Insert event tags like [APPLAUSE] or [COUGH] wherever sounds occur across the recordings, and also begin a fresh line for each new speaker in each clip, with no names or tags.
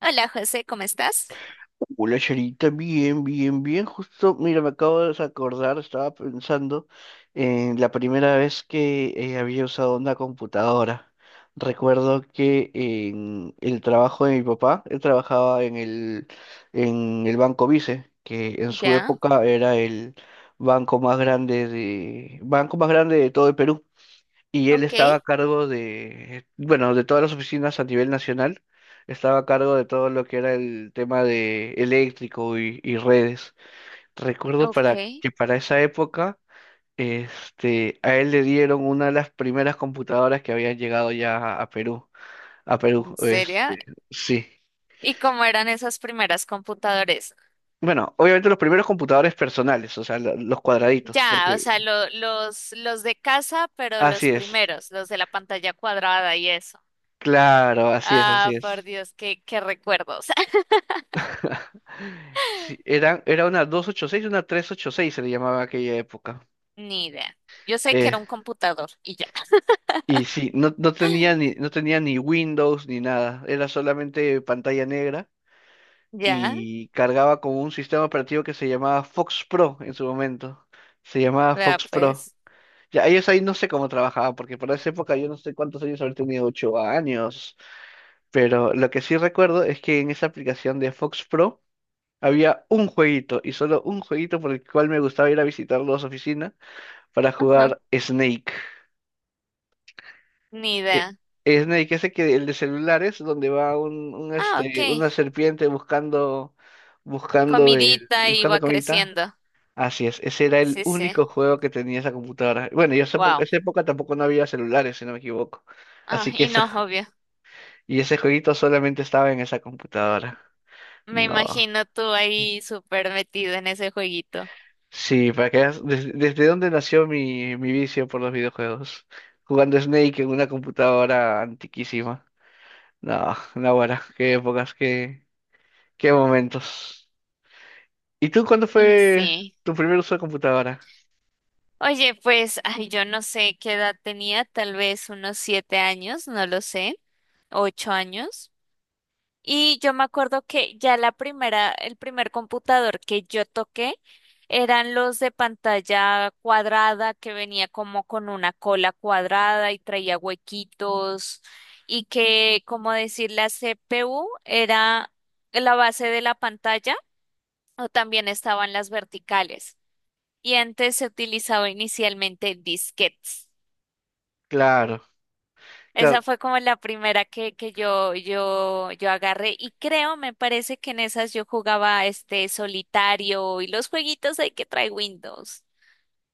Hola José, ¿cómo estás?
Hola, Charita, bien, bien, bien. Justo, mira, me acabo de acordar, estaba pensando en la primera vez que había usado una computadora. Recuerdo que en el trabajo de mi papá, él trabajaba en el Banco Vice, que en su
Ya,
época era el banco más grande de todo el Perú y él
ok,
estaba a cargo de, bueno, de todas las oficinas a nivel nacional, estaba a cargo de todo lo que era el tema de eléctrico y redes. Recuerdo
ok,
para esa época, este, a él le dieron una de las primeras computadoras que habían llegado ya a Perú,
en serio.
este, sí.
¿Y cómo eran esos primeros computadores?
Bueno, obviamente los primeros computadores personales, o sea, los cuadraditos,
Ya, o
porque
sea, los de casa, pero los
así es,
primeros, los de la pantalla cuadrada y eso.
claro, así es, así
Ah, por
es.
Dios, qué recuerdos.
[LAUGHS] Sí, era una 286, una 386 se le llamaba aquella época.
[LAUGHS] Ni idea. Yo sé que
Eh,
era un computador y ya.
y sí, no, no tenía
[LAUGHS]
ni,
[GASPS]
no tenía ni Windows ni nada, era solamente pantalla negra
Ya,
y cargaba con un sistema operativo que se llamaba Fox Pro en su momento. Se llamaba
vea
Fox Pro.
pues.
Ya, ellos ahí no sé cómo trabajaban, porque para esa época yo no sé cuántos años habré tenido, 8 años. Pero lo que sí recuerdo es que en esa aplicación de Fox Pro había un jueguito y solo un jueguito por el cual me gustaba ir a visitarlo a su oficina para
Ajá,
jugar Snake.
ni idea.
Eh, Snake, ese que el de celulares, donde va un, un,
Ah, ok.
este, una serpiente buscando,
Comidita
buscando
iba
comida.
creciendo.
Así es, ese era el
Sí, sí.
único juego que tenía esa computadora. Bueno, y
Wow.
esa época tampoco no había celulares, si no me equivoco.
Ah,
Así que
y no, obvio.
ese jueguito solamente estaba en esa computadora.
Me
No.
imagino tú ahí súper metido en ese jueguito.
Sí, para que veas desde dónde nació mi vicio por los videojuegos. Jugando Snake en una computadora antiquísima. No, no, ahora, qué épocas, qué momentos. ¿Y tú cuándo
Y
fue
sí.
tu primer uso de computadora?
Oye, pues, ay, yo no sé qué edad tenía, tal vez unos 7 años, no lo sé, 8 años. Y yo me acuerdo que ya la primera, el primer computador que yo toqué eran los de pantalla cuadrada que venía como con una cola cuadrada y traía huequitos y que, como decir, la CPU era la base de la pantalla o también estaban las verticales. Y antes se utilizaba inicialmente disquetes.
Claro,
Esa
claro.
fue como la primera que yo agarré y creo, me parece que en esas yo jugaba este solitario y los jueguitos hay que trae Windows.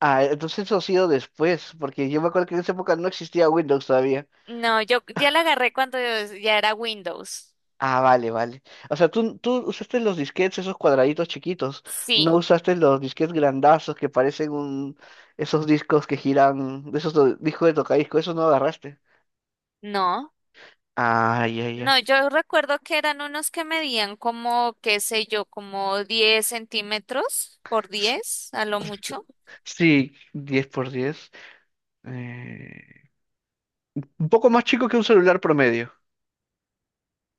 Ah, entonces eso ha sido después, porque yo me acuerdo que en esa época no existía Windows todavía.
No, yo ya la agarré cuando ya era Windows.
Ah, vale, vale. O sea, tú usaste los disquetes, esos cuadraditos chiquitos. No
Sí,
usaste los disquetes grandazos que parecen un... esos discos que giran, de esos discos de tocadiscos, esos no agarraste.
no.
Ah, ya,
No,
ya.
yo recuerdo que eran unos que medían como, qué sé yo, como 10 centímetros por
S-
10 a lo mucho.
Sí, 10 por 10. Eh, un poco más chico que un celular promedio.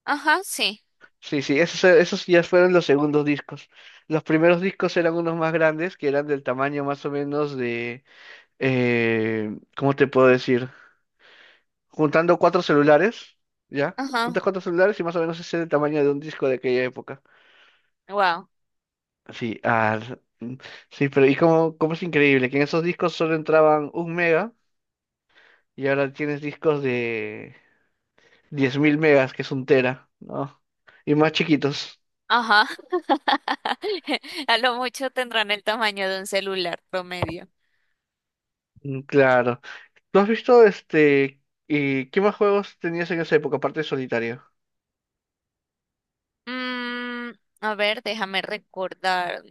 Ajá, sí.
Sí, sí, esos ya fueron los segundos discos. Los primeros discos eran unos más grandes, que eran del tamaño más o menos de... ¿cómo te puedo decir? Juntando cuatro celulares, ¿ya?
Ajá.
Juntas 4 celulares y más o menos ese es el tamaño de un disco de aquella época.
Wow.
Sí, mm, sí, pero y como es increíble que en esos discos solo entraban un mega y ahora tienes discos de 10.000 megas, que es un tera, ¿no? Y más chiquitos.
Ajá. [LAUGHS] A lo mucho tendrán el tamaño de un celular promedio.
Mm, claro. ¿Tú has visto este? ¿Y qué más juegos tenías en esa época, aparte de solitario?
Mm, a ver, déjame recordar.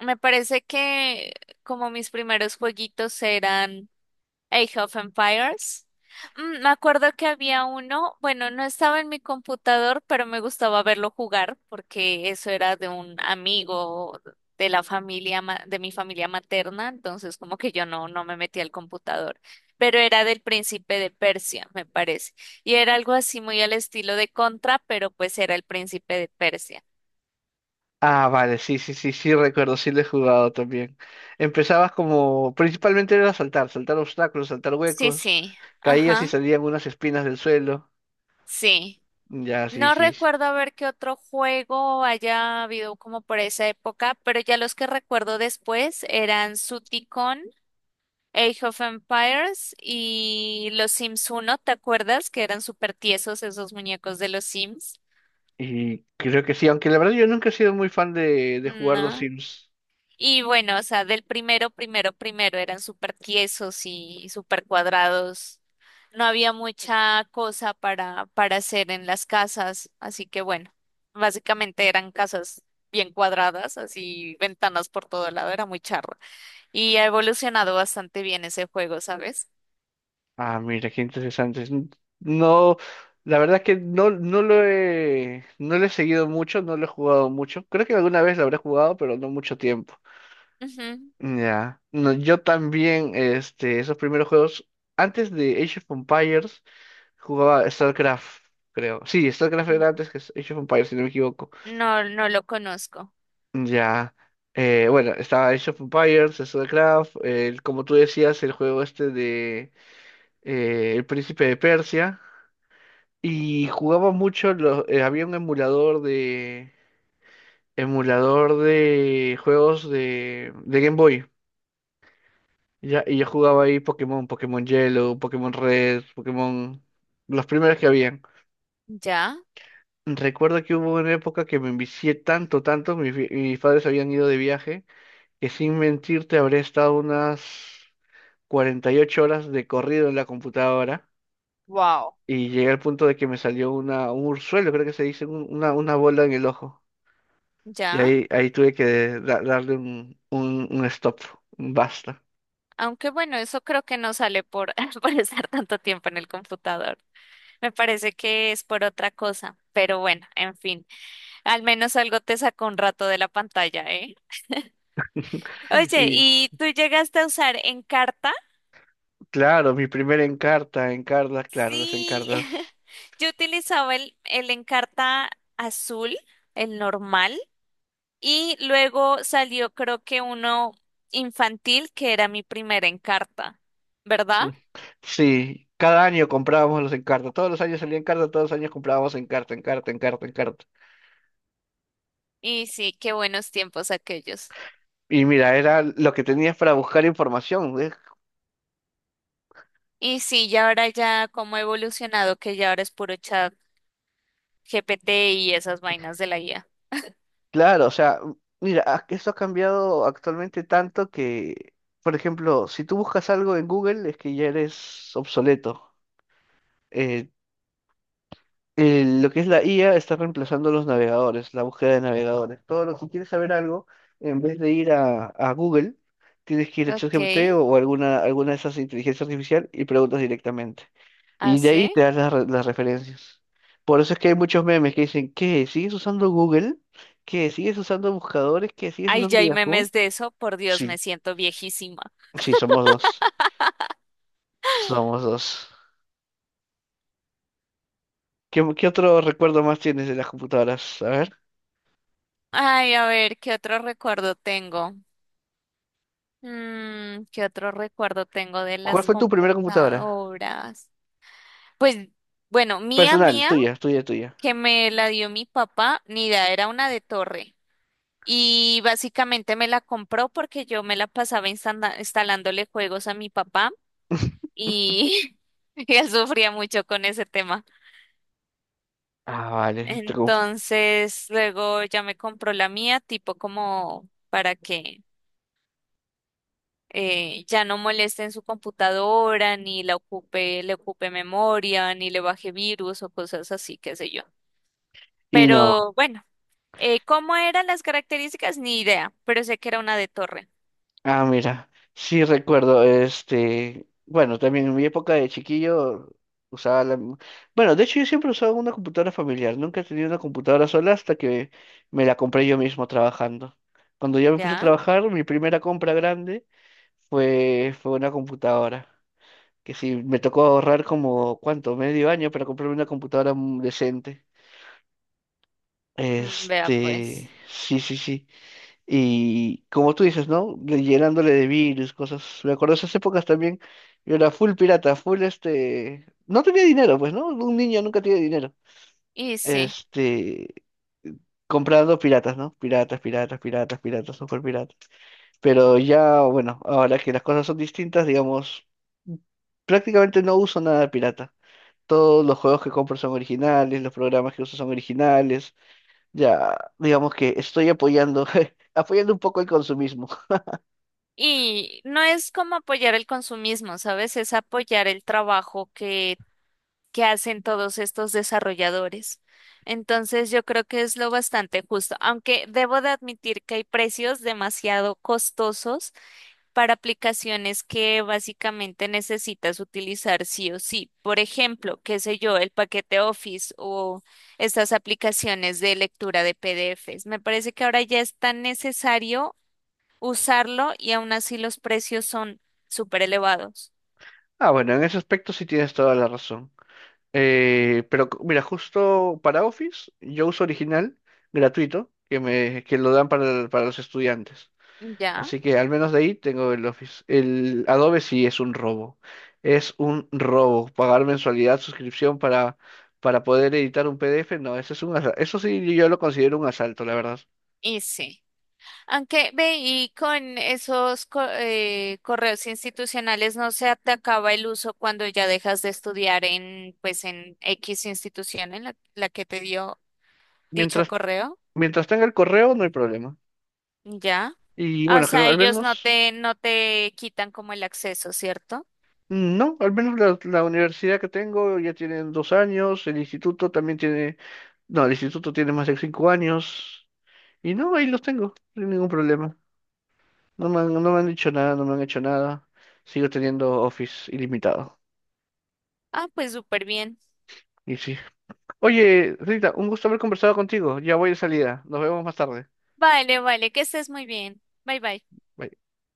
Me parece que como mis primeros jueguitos eran Age of Empires. Me acuerdo que había uno, bueno, no estaba en mi computador, pero me gustaba verlo jugar porque eso era de un amigo de la familia, de mi familia materna, entonces como que yo no, no me metí al computador, pero era del príncipe de Persia, me parece, y era algo así muy al estilo de Contra, pero pues era el príncipe de Persia.
Ah, vale, sí, sí, sí, sí, recuerdo, sí lo he jugado también. Empezabas como, principalmente era saltar, saltar obstáculos, saltar
Sí,
huecos,
sí,
caías y
ajá,
salían unas espinas del suelo.
sí.
Ya, sí,
No
sí. Sí.
recuerdo haber qué otro juego haya habido como por esa época, pero ya los que recuerdo después eran Suticon, Age of Empires y los Sims uno. ¿Te acuerdas? Que eran súper tiesos esos muñecos de los Sims.
Y creo que sí, aunque la verdad yo nunca he sido muy fan de
Mm,
jugar los
no.
Sims.
Y bueno, o sea, del primero, primero, primero eran súper tiesos y súper cuadrados. No había mucha cosa para hacer en las casas, así que bueno, básicamente eran casas bien cuadradas, así ventanas por todo lado, era muy charro. Y ha evolucionado bastante bien ese juego, ¿sabes?
Ah, mira, qué interesante. No, la verdad es que no, no lo he seguido mucho, no lo he jugado mucho. Creo que alguna vez lo habré jugado, pero no mucho tiempo.
Ujú.
Ya, no, yo también, este, esos primeros juegos, antes de Age of Empires, jugaba StarCraft, creo. Sí, StarCraft era antes que Age of Empires, si no me equivoco.
No, no lo conozco.
Ya, bueno, estaba Age of Empires, StarCraft, como tú decías, el juego este de El Príncipe de Persia, y jugaba mucho, había un emulador de juegos de Game Boy. Y yo jugaba ahí Pokémon, Pokémon Yellow, Pokémon Red, Pokémon... Los primeros que habían.
¿Ya?
Recuerdo que hubo una época que me envicié tanto, tanto, mis padres habían ido de viaje, que sin mentirte habré estado unas 48 horas de corrido en la computadora
Wow.
y llegué al punto de que me salió una, un urzuelo, creo que se dice, una bola en el ojo. Y
¿Ya?
ahí tuve que darle un stop, un basta.
Aunque bueno, eso creo que no sale por, [LAUGHS] por estar tanto tiempo en el computador. Me parece que es por otra cosa, pero bueno, en fin, al menos algo te sacó un rato de la pantalla, ¿eh?
[LAUGHS]
Oye,
Y
¿y tú llegaste a usar Encarta?
Claro, mi primera encarta, encartas, claro, las
Sí,
encartas.
[LAUGHS] yo utilizaba el Encarta azul, el normal, y luego salió creo que uno infantil, que era mi primera Encarta, ¿verdad?
Mm, sí, cada año comprábamos los encartas. Todos los años salía encarta, todos los años comprábamos encarta, encarta, encarta, encarta.
Y sí, qué buenos tiempos aquellos.
Y mira, era lo que tenías para buscar información. ¿Ves?
Y sí, ya ahora ya cómo ha evolucionado que ya ahora es puro chat GPT y esas vainas de la guía.
Claro, o sea, mira, que esto ha cambiado actualmente tanto que, por ejemplo, si tú buscas algo en Google es que ya eres obsoleto. Eh, lo que es la IA está reemplazando los navegadores, la búsqueda de navegadores. Todo lo que quieres saber algo, en vez de ir a Google, tienes que ir a
Ok,
ChatGPT o alguna de esas inteligencias artificial y preguntas directamente. Y de ahí
hace.
te das las referencias. Por eso es que hay muchos memes que dicen, ¿qué? ¿Sigues usando Google? ¿Qué? ¿Sigues usando buscadores? ¿Qué? ¿Sigues
Ay,
usando
ya hay
Yahoo?
memes de eso. Por Dios, me
Sí,
siento viejísima.
sí, somos dos. Somos dos. ¿Qué otro recuerdo más tienes de las computadoras? A ver.
Ay, a ver, ¿qué otro recuerdo tengo? ¿Qué otro recuerdo tengo de
¿Cuál
las
fue tu primera computadora?
computadoras? Pues, bueno, mía,
Personal,
mía,
tuya, tuya, tuya.
que me la dio mi papá, ni idea, era una de torre. Y básicamente me la compró porque yo me la pasaba instalándole juegos a mi papá
[LAUGHS]
y [LAUGHS] él sufría mucho con ese tema.
Ah, vale. Tú.
Entonces, luego ya me compró la mía, tipo como para que ya no moleste en su computadora, ni la ocupe, le ocupe memoria, ni le baje virus o cosas así, qué sé yo.
Y no.
Pero bueno, ¿cómo eran las características? Ni idea, pero sé que era una de torre.
Ah, mira. Sí recuerdo, este. Bueno, también en mi época de chiquillo usaba la. Bueno, de hecho yo siempre usaba una computadora familiar. Nunca he tenido una computadora sola hasta que me la compré yo mismo trabajando. Cuando yo me puse a
¿Ya?
trabajar, mi primera compra grande fue una computadora. Que sí, me tocó ahorrar como, ¿cuánto? Medio año para comprarme una computadora decente.
Mm, vea
Este,
pues.
sí, sí, sí. Y como tú dices, ¿no? Llenándole de virus, cosas. Me acuerdo de esas épocas también. Yo era full pirata, full este. No tenía dinero, pues, ¿no? Un niño nunca tiene dinero.
Y sí.
Este. Comprando piratas, ¿no? Piratas, piratas, piratas, piratas, super piratas. Pero ya, bueno, ahora que las cosas son distintas, digamos, prácticamente no uso nada pirata. Todos los juegos que compro son originales, los programas que uso son originales. Ya, digamos que estoy apoyando, [LAUGHS] apoyando un poco el consumismo.
Y no es como apoyar el consumismo, ¿sabes? Es apoyar el trabajo que hacen todos estos desarrolladores. Entonces yo creo que es lo bastante justo, aunque debo de admitir que hay precios demasiado costosos para aplicaciones que básicamente necesitas utilizar sí o sí. Por ejemplo, qué sé yo, el paquete Office o estas aplicaciones de lectura de PDFs. Me parece que ahora ya es tan necesario usarlo y aún así los precios son súper elevados.
Ah, bueno, en ese aspecto sí tienes toda la razón. Pero mira, justo para Office, yo uso original, gratuito, que lo dan para los estudiantes.
Ya,
Así que al menos de ahí tengo el Office. El Adobe sí es un robo. Es un robo. Pagar mensualidad, suscripción para poder editar un PDF, no, eso sí yo lo considero un asalto, la verdad.
y sí. Aunque ve, y con esos correos institucionales no se te acaba el uso cuando ya dejas de estudiar en, pues, en X institución en la que te dio dicho
Mientras,
correo,
mientras tenga el correo, no hay problema.
¿ya?
Y
Ah, o
bueno,
sea,
al
ellos no
menos.
te, no te quitan como el acceso, ¿cierto?
No, al menos la universidad que tengo ya tiene 2 años, el instituto también tiene, no, el instituto tiene más de 5 años, y no, ahí los tengo, sin ningún problema. No me han dicho nada, no me han hecho nada, sigo teniendo Office ilimitado,
Ah, pues súper bien.
y sí. Oye, Rita, un gusto haber conversado contigo, ya voy de salida, nos vemos más tarde.
Vale, vale, que estés muy bien. Bye, bye.
Bye.